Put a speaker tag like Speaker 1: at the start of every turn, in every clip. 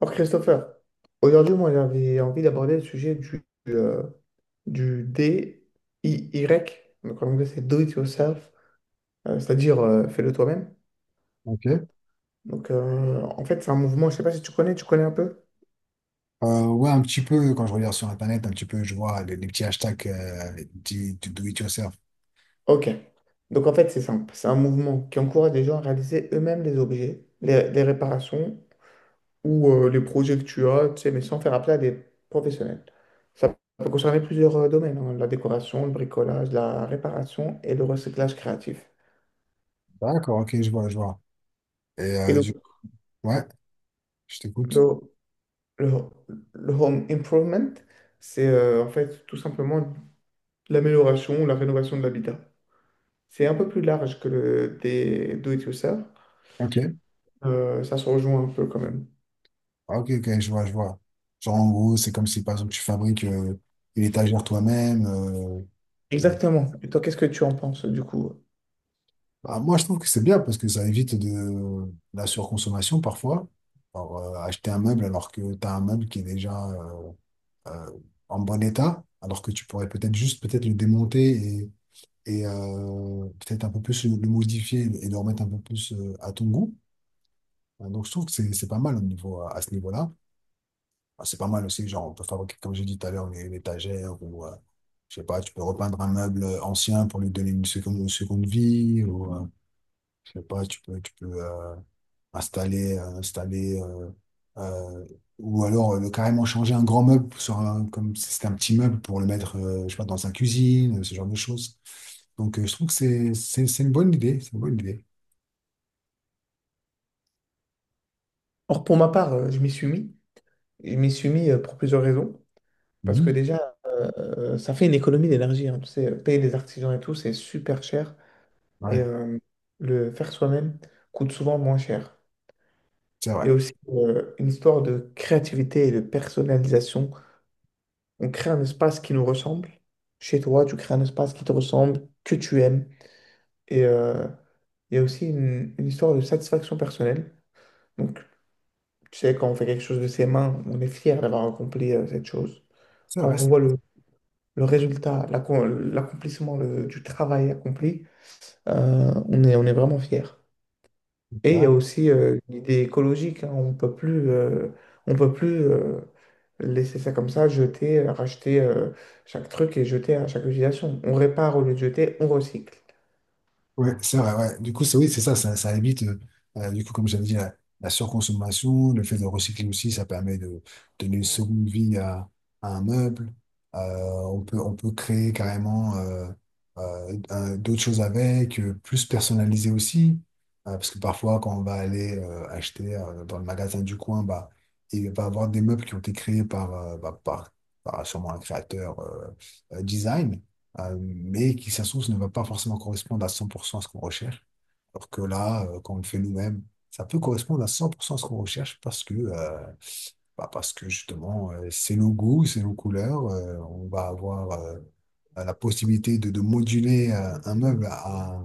Speaker 1: Alors Christopher, aujourd'hui moi j'avais envie d'aborder le sujet du DIY, donc en anglais c'est Do It Yourself, c'est-à-dire fais-le toi-même.
Speaker 2: Ok.
Speaker 1: En fait c'est un mouvement, je sais pas si tu connais, tu connais un peu?
Speaker 2: Ouais, un petit peu, quand je regarde sur Internet, un petit peu, je vois les petits hashtags du do it yourself.
Speaker 1: Ok, donc en fait c'est simple, c'est un mouvement qui encourage les gens à réaliser eux-mêmes les objets, les réparations ou les projets que tu as, tu sais, mais sans faire appel à des professionnels. Ça peut concerner plusieurs domaines, hein, la décoration, le bricolage, la réparation et le recyclage créatif.
Speaker 2: D'accord, ok, je vois, je vois. Et
Speaker 1: Et donc,
Speaker 2: ouais, je t'écoute.
Speaker 1: Le, le- le home improvement, c'est en fait tout simplement l'amélioration ou la rénovation de l'habitat. C'est un peu plus large que le des do-it-yourself.
Speaker 2: Ok,
Speaker 1: Ça se rejoint un peu quand même.
Speaker 2: ah, ok, ok, je vois, je vois. Genre, en gros, c'est comme si, par exemple, tu fabriques une étagère toi-même. Euh.
Speaker 1: Exactement. Et toi, qu'est-ce que tu en penses du coup?
Speaker 2: Bah, moi, je trouve que c'est bien parce que ça évite de la surconsommation parfois. Alors, acheter un meuble alors que tu as un meuble qui est déjà euh, en bon état, alors que tu pourrais peut-être juste peut-être le démonter et peut-être un peu plus le modifier et le remettre un peu plus à ton goût. Donc je trouve que c'est pas mal au niveau, à ce niveau-là. Ah, c'est pas mal aussi, genre on peut fabriquer, comme j'ai dit tout à l'heure, une étagère ou je sais pas, tu peux repeindre un meuble ancien pour lui donner une seconde vie ou je sais pas, tu peux installer, installer euh, ou alors le carrément changer un grand meuble sur un, comme si c'était un petit meuble pour le mettre, je sais pas, dans sa cuisine, ce genre de choses. Je trouve que c'est une bonne idée, c'est une bonne idée.
Speaker 1: Or, pour ma part, je m'y suis mis. Je m'y suis mis pour plusieurs raisons. Parce que
Speaker 2: Mhm.
Speaker 1: déjà, ça fait une économie d'énergie, hein. Tu sais, payer des artisans et tout, c'est super cher. Et
Speaker 2: Ouais,
Speaker 1: euh, le faire soi-même coûte souvent moins cher.
Speaker 2: c'est vrai,
Speaker 1: Et aussi une histoire de créativité et de personnalisation. On crée un espace qui nous ressemble. Chez toi, tu crées un espace qui te ressemble, que tu aimes. Et euh, il y a aussi une histoire de satisfaction personnelle. Donc, tu sais, quand on fait quelque chose de ses mains, on est fier d'avoir accompli cette chose.
Speaker 2: c'est
Speaker 1: Quand
Speaker 2: vrai.
Speaker 1: on
Speaker 2: C'est
Speaker 1: voit le résultat, l'accomplissement du travail accompli, on on est vraiment fier. Et il y a
Speaker 2: vrai.
Speaker 1: aussi l'idée écologique, hein. On peut plus, on peut plus laisser ça comme ça, jeter, racheter chaque truc et jeter à chaque utilisation. On répare au lieu de jeter, on recycle.
Speaker 2: Ouais, c'est vrai, ouais. Du coup, c'est oui, c'est ça, ça évite, du coup, comme j'avais dit, la surconsommation, le fait de recycler aussi, ça permet de donner une seconde vie à un meuble. On peut créer carrément d'autres choses avec, plus personnalisé aussi. Parce que parfois, quand on va aller acheter dans le magasin du coin, bah, il va y avoir des meubles qui ont été créés par, par, par sûrement un créateur design mais qui, ça se trouve, ne va pas forcément correspondre à 100% à ce qu'on recherche. Alors que là, quand on le fait nous-mêmes, ça peut correspondre à 100% à ce qu'on recherche parce que, parce que justement, c'est nos goûts, c'est nos couleurs. On va avoir la possibilité de moduler un meuble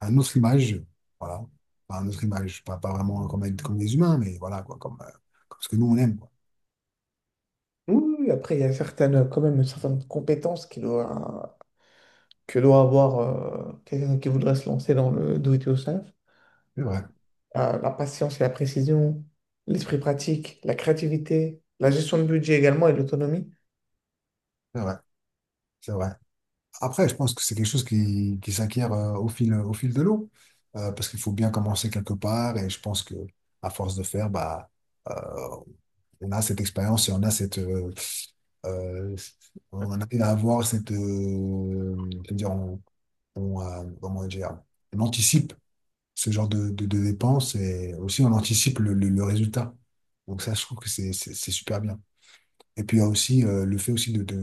Speaker 2: à une autre image. Voilà. Pas une autre image, pas, pas vraiment comme, comme des humains, mais voilà, quoi, comme, comme ce que nous, on aime, quoi.
Speaker 1: Oui, oui, oui, après, il y a certaines, quand même certaines compétences que doit avoir quelqu'un qui voudrait se lancer dans le do it yourself.
Speaker 2: C'est vrai,
Speaker 1: La patience et la précision, l'esprit pratique, la créativité, la gestion de budget également et l'autonomie.
Speaker 2: c'est vrai, c'est vrai. Après, je pense que c'est quelque chose qui s'acquiert au fil de l'eau. Parce qu'il faut bien commencer quelque part, et je pense que à force de faire, euh, on a cette expérience et on a cette, euh, on en arrive à avoir cette, c'est-à-dire on, comment dire, on anticipe ce genre de dépenses et aussi on anticipe le résultat. Donc ça, je trouve que c'est super bien. Et puis il y a aussi le fait aussi de,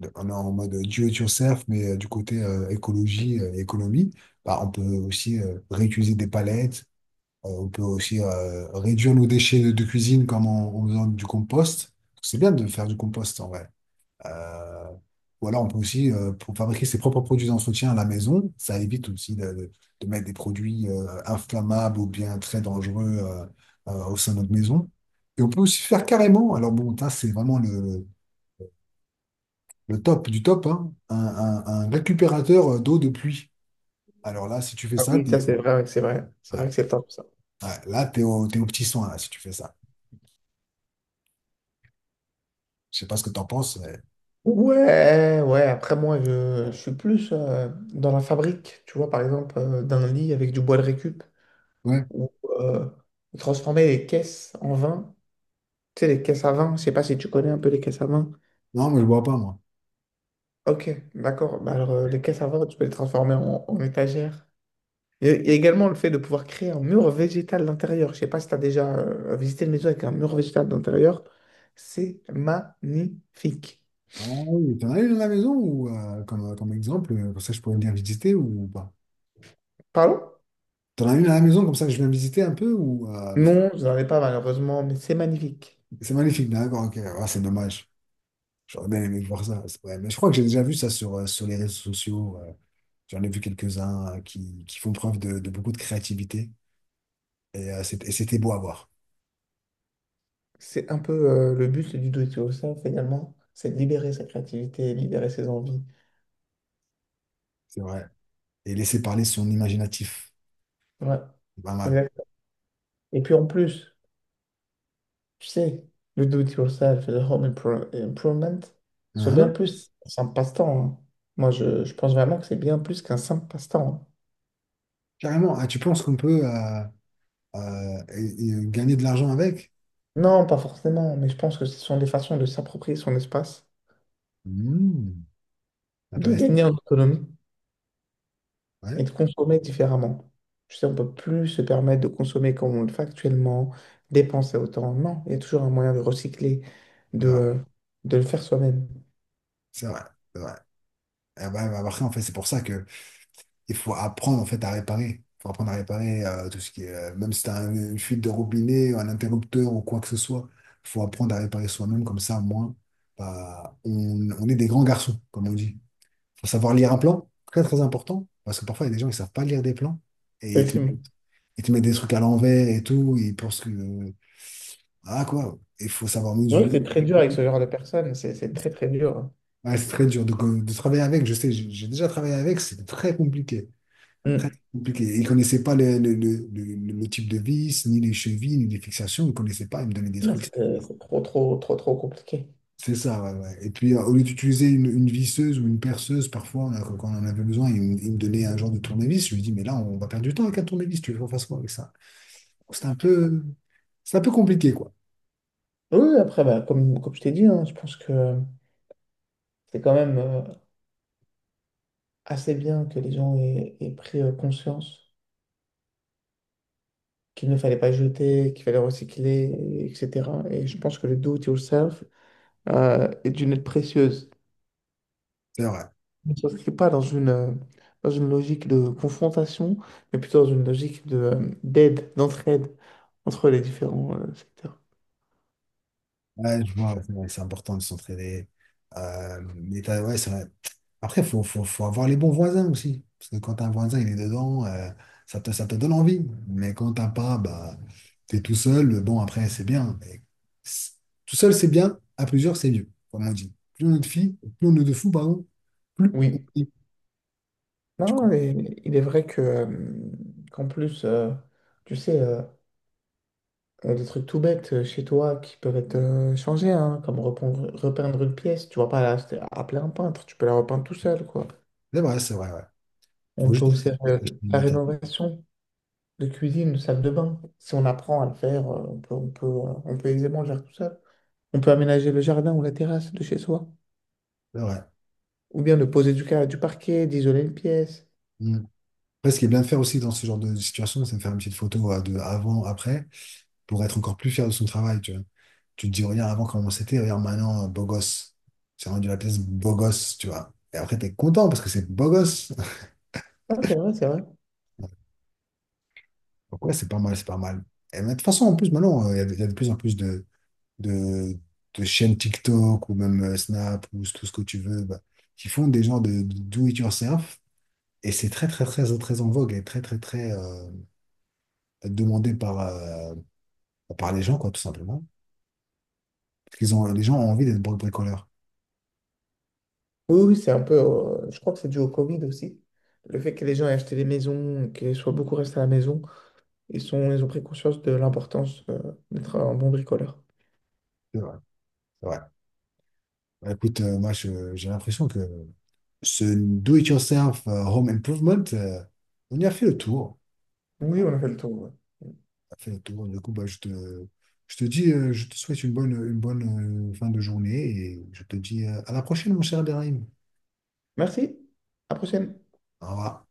Speaker 2: on est en mode do it yourself, mais du côté écologie et économie, bah, on peut aussi réutiliser des palettes, on peut aussi réduire nos déchets de cuisine comme en, en faisant du compost. C'est bien de faire du compost en vrai. Euh, ou alors on peut aussi, pour fabriquer ses propres produits d'entretien à la maison, ça évite aussi de, de mettre des produits inflammables ou bien très dangereux au sein de notre maison. Et on peut aussi faire carrément, alors bon, ça c'est vraiment le top du top, hein, un récupérateur d'eau de pluie. Alors là, si tu fais
Speaker 1: Ah
Speaker 2: ça,
Speaker 1: oui, ça c'est vrai, c'est vrai. C'est vrai que
Speaker 2: ouais,
Speaker 1: c'est top.
Speaker 2: ouais, là, t'es au petit soin, là, si tu fais ça. Je sais pas ce que t'en penses, mais…
Speaker 1: Ouais, ouais, après moi je suis plus dans la fabrique, tu vois, par exemple, d'un lit avec du bois de récup,
Speaker 2: Ouais.
Speaker 1: ou euh, transformer les caisses en vin, tu sais, les caisses à vin, je sais pas si tu connais un peu les caisses à vin.
Speaker 2: Non, mais je bois pas, moi.
Speaker 1: Ok, d'accord, bah alors les caisses à vin, tu peux les transformer en étagères. Il y a également le fait de pouvoir créer un mur végétal d'intérieur, je sais pas si tu as déjà visité une maison avec un mur végétal d'intérieur, c'est magnifique.
Speaker 2: Ah oui, t'en as une à la maison ou comme, comme exemple, comme ça je pourrais venir visiter ou pas?
Speaker 1: Pardon?
Speaker 2: T'en as une à la maison comme ça je viens visiter un peu ou parce que
Speaker 1: Non, je n'en ai pas malheureusement, mais c'est magnifique.
Speaker 2: c'est magnifique, d'accord, ok, ah, c'est dommage. J'aurais bien aimé voir ça. Ouais, mais je crois que j'ai déjà vu ça sur, sur les réseaux sociaux. J'en ai vu quelques-uns qui font preuve de beaucoup de créativité. Et c'était beau à voir,
Speaker 1: C'est un peu le but du do it yourself finalement, c'est de libérer sa créativité, libérer ses envies.
Speaker 2: c'est vrai. Et laisser parler son imaginatif,
Speaker 1: Ouais,
Speaker 2: c'est pas mal.
Speaker 1: exact. Et puis en plus, tu sais, le do it yourself et le improvement sont bien
Speaker 2: Uhum.
Speaker 1: plus un simple passe-temps, hein. Moi, je pense vraiment que c'est bien plus qu'un simple passe-temps, hein.
Speaker 2: Carrément, ah, tu penses qu'on peut et gagner de l'argent avec?
Speaker 1: Non, pas forcément, mais je pense que ce sont des façons de s'approprier son espace,
Speaker 2: Hmm,
Speaker 1: de
Speaker 2: intéressant.
Speaker 1: gagner en autonomie et
Speaker 2: Ouais,
Speaker 1: de consommer différemment. Je sais, on ne peut plus se permettre de consommer comme on le fait actuellement, dépenser autant. Non, il y a toujours un moyen de recycler,
Speaker 2: c'est vrai,
Speaker 1: de, de le faire soi-même.
Speaker 2: c'est vrai, c'est vrai. Et bah, bah, après, en fait, c'est pour ça que il faut apprendre en fait, à réparer. Il faut apprendre à réparer tout ce qui est, même si tu as une fuite de robinet, un interrupteur ou quoi que ce soit, il faut apprendre à réparer soi-même, comme ça, au moins, bah, on est des grands garçons, comme on dit. Faut savoir lire un plan, très très important, parce que parfois il y a des gens qui savent pas lire des plans et
Speaker 1: Effectivement.
Speaker 2: ils te mettent des trucs à l'envers et tout, et ils pensent que, ah quoi, il faut savoir
Speaker 1: C'est vrai que
Speaker 2: mesurer.
Speaker 1: c'est très dur avec ce genre de personnes, c'est très très dur.
Speaker 2: Ouais, c'est très dur de travailler avec, je sais, j'ai déjà travaillé avec, c'était très compliqué, très
Speaker 1: Mm.
Speaker 2: très compliqué. Ils ne connaissaient pas le type de vis, ni les chevilles, ni les fixations, ils ne connaissaient pas, ils me donnaient des
Speaker 1: Non,
Speaker 2: trucs.
Speaker 1: c'est c'est trop compliqué.
Speaker 2: C'est ça, ouais, ouais. Et puis, au lieu d'utiliser une visseuse ou une perceuse, parfois, quand on en avait besoin, il me donnait un genre de tournevis. Je lui dis, mais là, on va perdre du temps avec un tournevis, tu veux qu'on fasse quoi avec ça? C'est un peu, c'est un peu compliqué, quoi.
Speaker 1: Oui, oui, après, bah, comme je t'ai dit, hein, je pense que c'est quand même assez bien que les gens aient pris conscience qu'il ne fallait pas jeter, qu'il fallait recycler, etc. Et je pense que le do it yourself, et d'une aide précieuse.
Speaker 2: C'est vrai.
Speaker 1: Ne s'inscrit pas dans dans une logique de confrontation, mais plutôt dans une logique de, d'aide, d'entraide entre les différents secteurs.
Speaker 2: Ouais, je vois, c'est vrai, c'est important de s'entraider. Ouais, c'est vrai. Après, faut avoir les bons voisins aussi. Parce que quand un voisin, il est dedans, ça te donne envie. Mais quand t'as pas, bah, t'es tout seul. Bon, après, c'est bien. Mais c'est- tout seul, c'est bien. À plusieurs, c'est mieux, comme on dit. Plus on est de filles, plus on est de fous, pardon, plus on
Speaker 1: Oui.
Speaker 2: est. Tu
Speaker 1: Non,
Speaker 2: comprends.
Speaker 1: et il est vrai que, qu'en plus, tu sais, il des trucs tout bêtes chez toi qui peuvent être changés, hein, comme repeindre, repeindre une pièce. Tu vas pas la- Appeler un peintre, tu peux la repeindre tout seul, quoi.
Speaker 2: C'est vrai, ouais.
Speaker 1: On
Speaker 2: Faut
Speaker 1: peut
Speaker 2: juste
Speaker 1: aussi faire
Speaker 2: acheter une
Speaker 1: la
Speaker 2: atteinte.
Speaker 1: rénovation de cuisine, de salle de bain. Si on apprend à le faire, on peut, on peut aisément le faire tout seul. On peut aménager le jardin ou la terrasse de chez soi,
Speaker 2: C'est vrai.
Speaker 1: ou bien de poser du parquet, d'isoler une pièce.
Speaker 2: Mm. Après, ce qui est bien de faire aussi dans ce genre de situation, c'est de faire une petite photo de avant, après, pour être encore plus fier de son travail, tu vois. Tu te dis, regarde avant comment c'était, regarde maintenant, beau gosse. C'est rendu la pièce beau gosse, tu vois. Et après, t'es content parce que c'est beau gosse.
Speaker 1: Ah c'est vrai, c'est vrai.
Speaker 2: Donc ouais, c'est pas mal, c'est pas mal. Et mais de toute façon, en plus, maintenant, il y a de plus en plus de, de chaînes TikTok ou même Snap ou tout ce que tu veux, bah, qui font des genres de do it yourself. Et c'est très, très, très, très en vogue et très, très, très demandé par, par les gens, quoi, tout simplement. Parce qu'ils ont, les gens ont envie d'être bricoleurs.
Speaker 1: Oui, oui, c'est un peu. Je crois que c'est dû au Covid aussi. Le fait que les gens aient acheté des maisons, qu'ils soient beaucoup restés à la maison, ils ont pris conscience de l'importance, d'être un bon bricoleur.
Speaker 2: C'est vrai. C'est vrai. Bah, écoute, moi, j'ai l'impression que ce do-it-yourself home improvement, on y a fait le tour.
Speaker 1: Oui, on a fait le tour, ouais.
Speaker 2: On a fait le tour. Du coup, bah, je te dis, je te souhaite une bonne fin de journée et je te dis à la prochaine, mon cher Abderrahim.
Speaker 1: Merci. À la prochaine.
Speaker 2: Au revoir.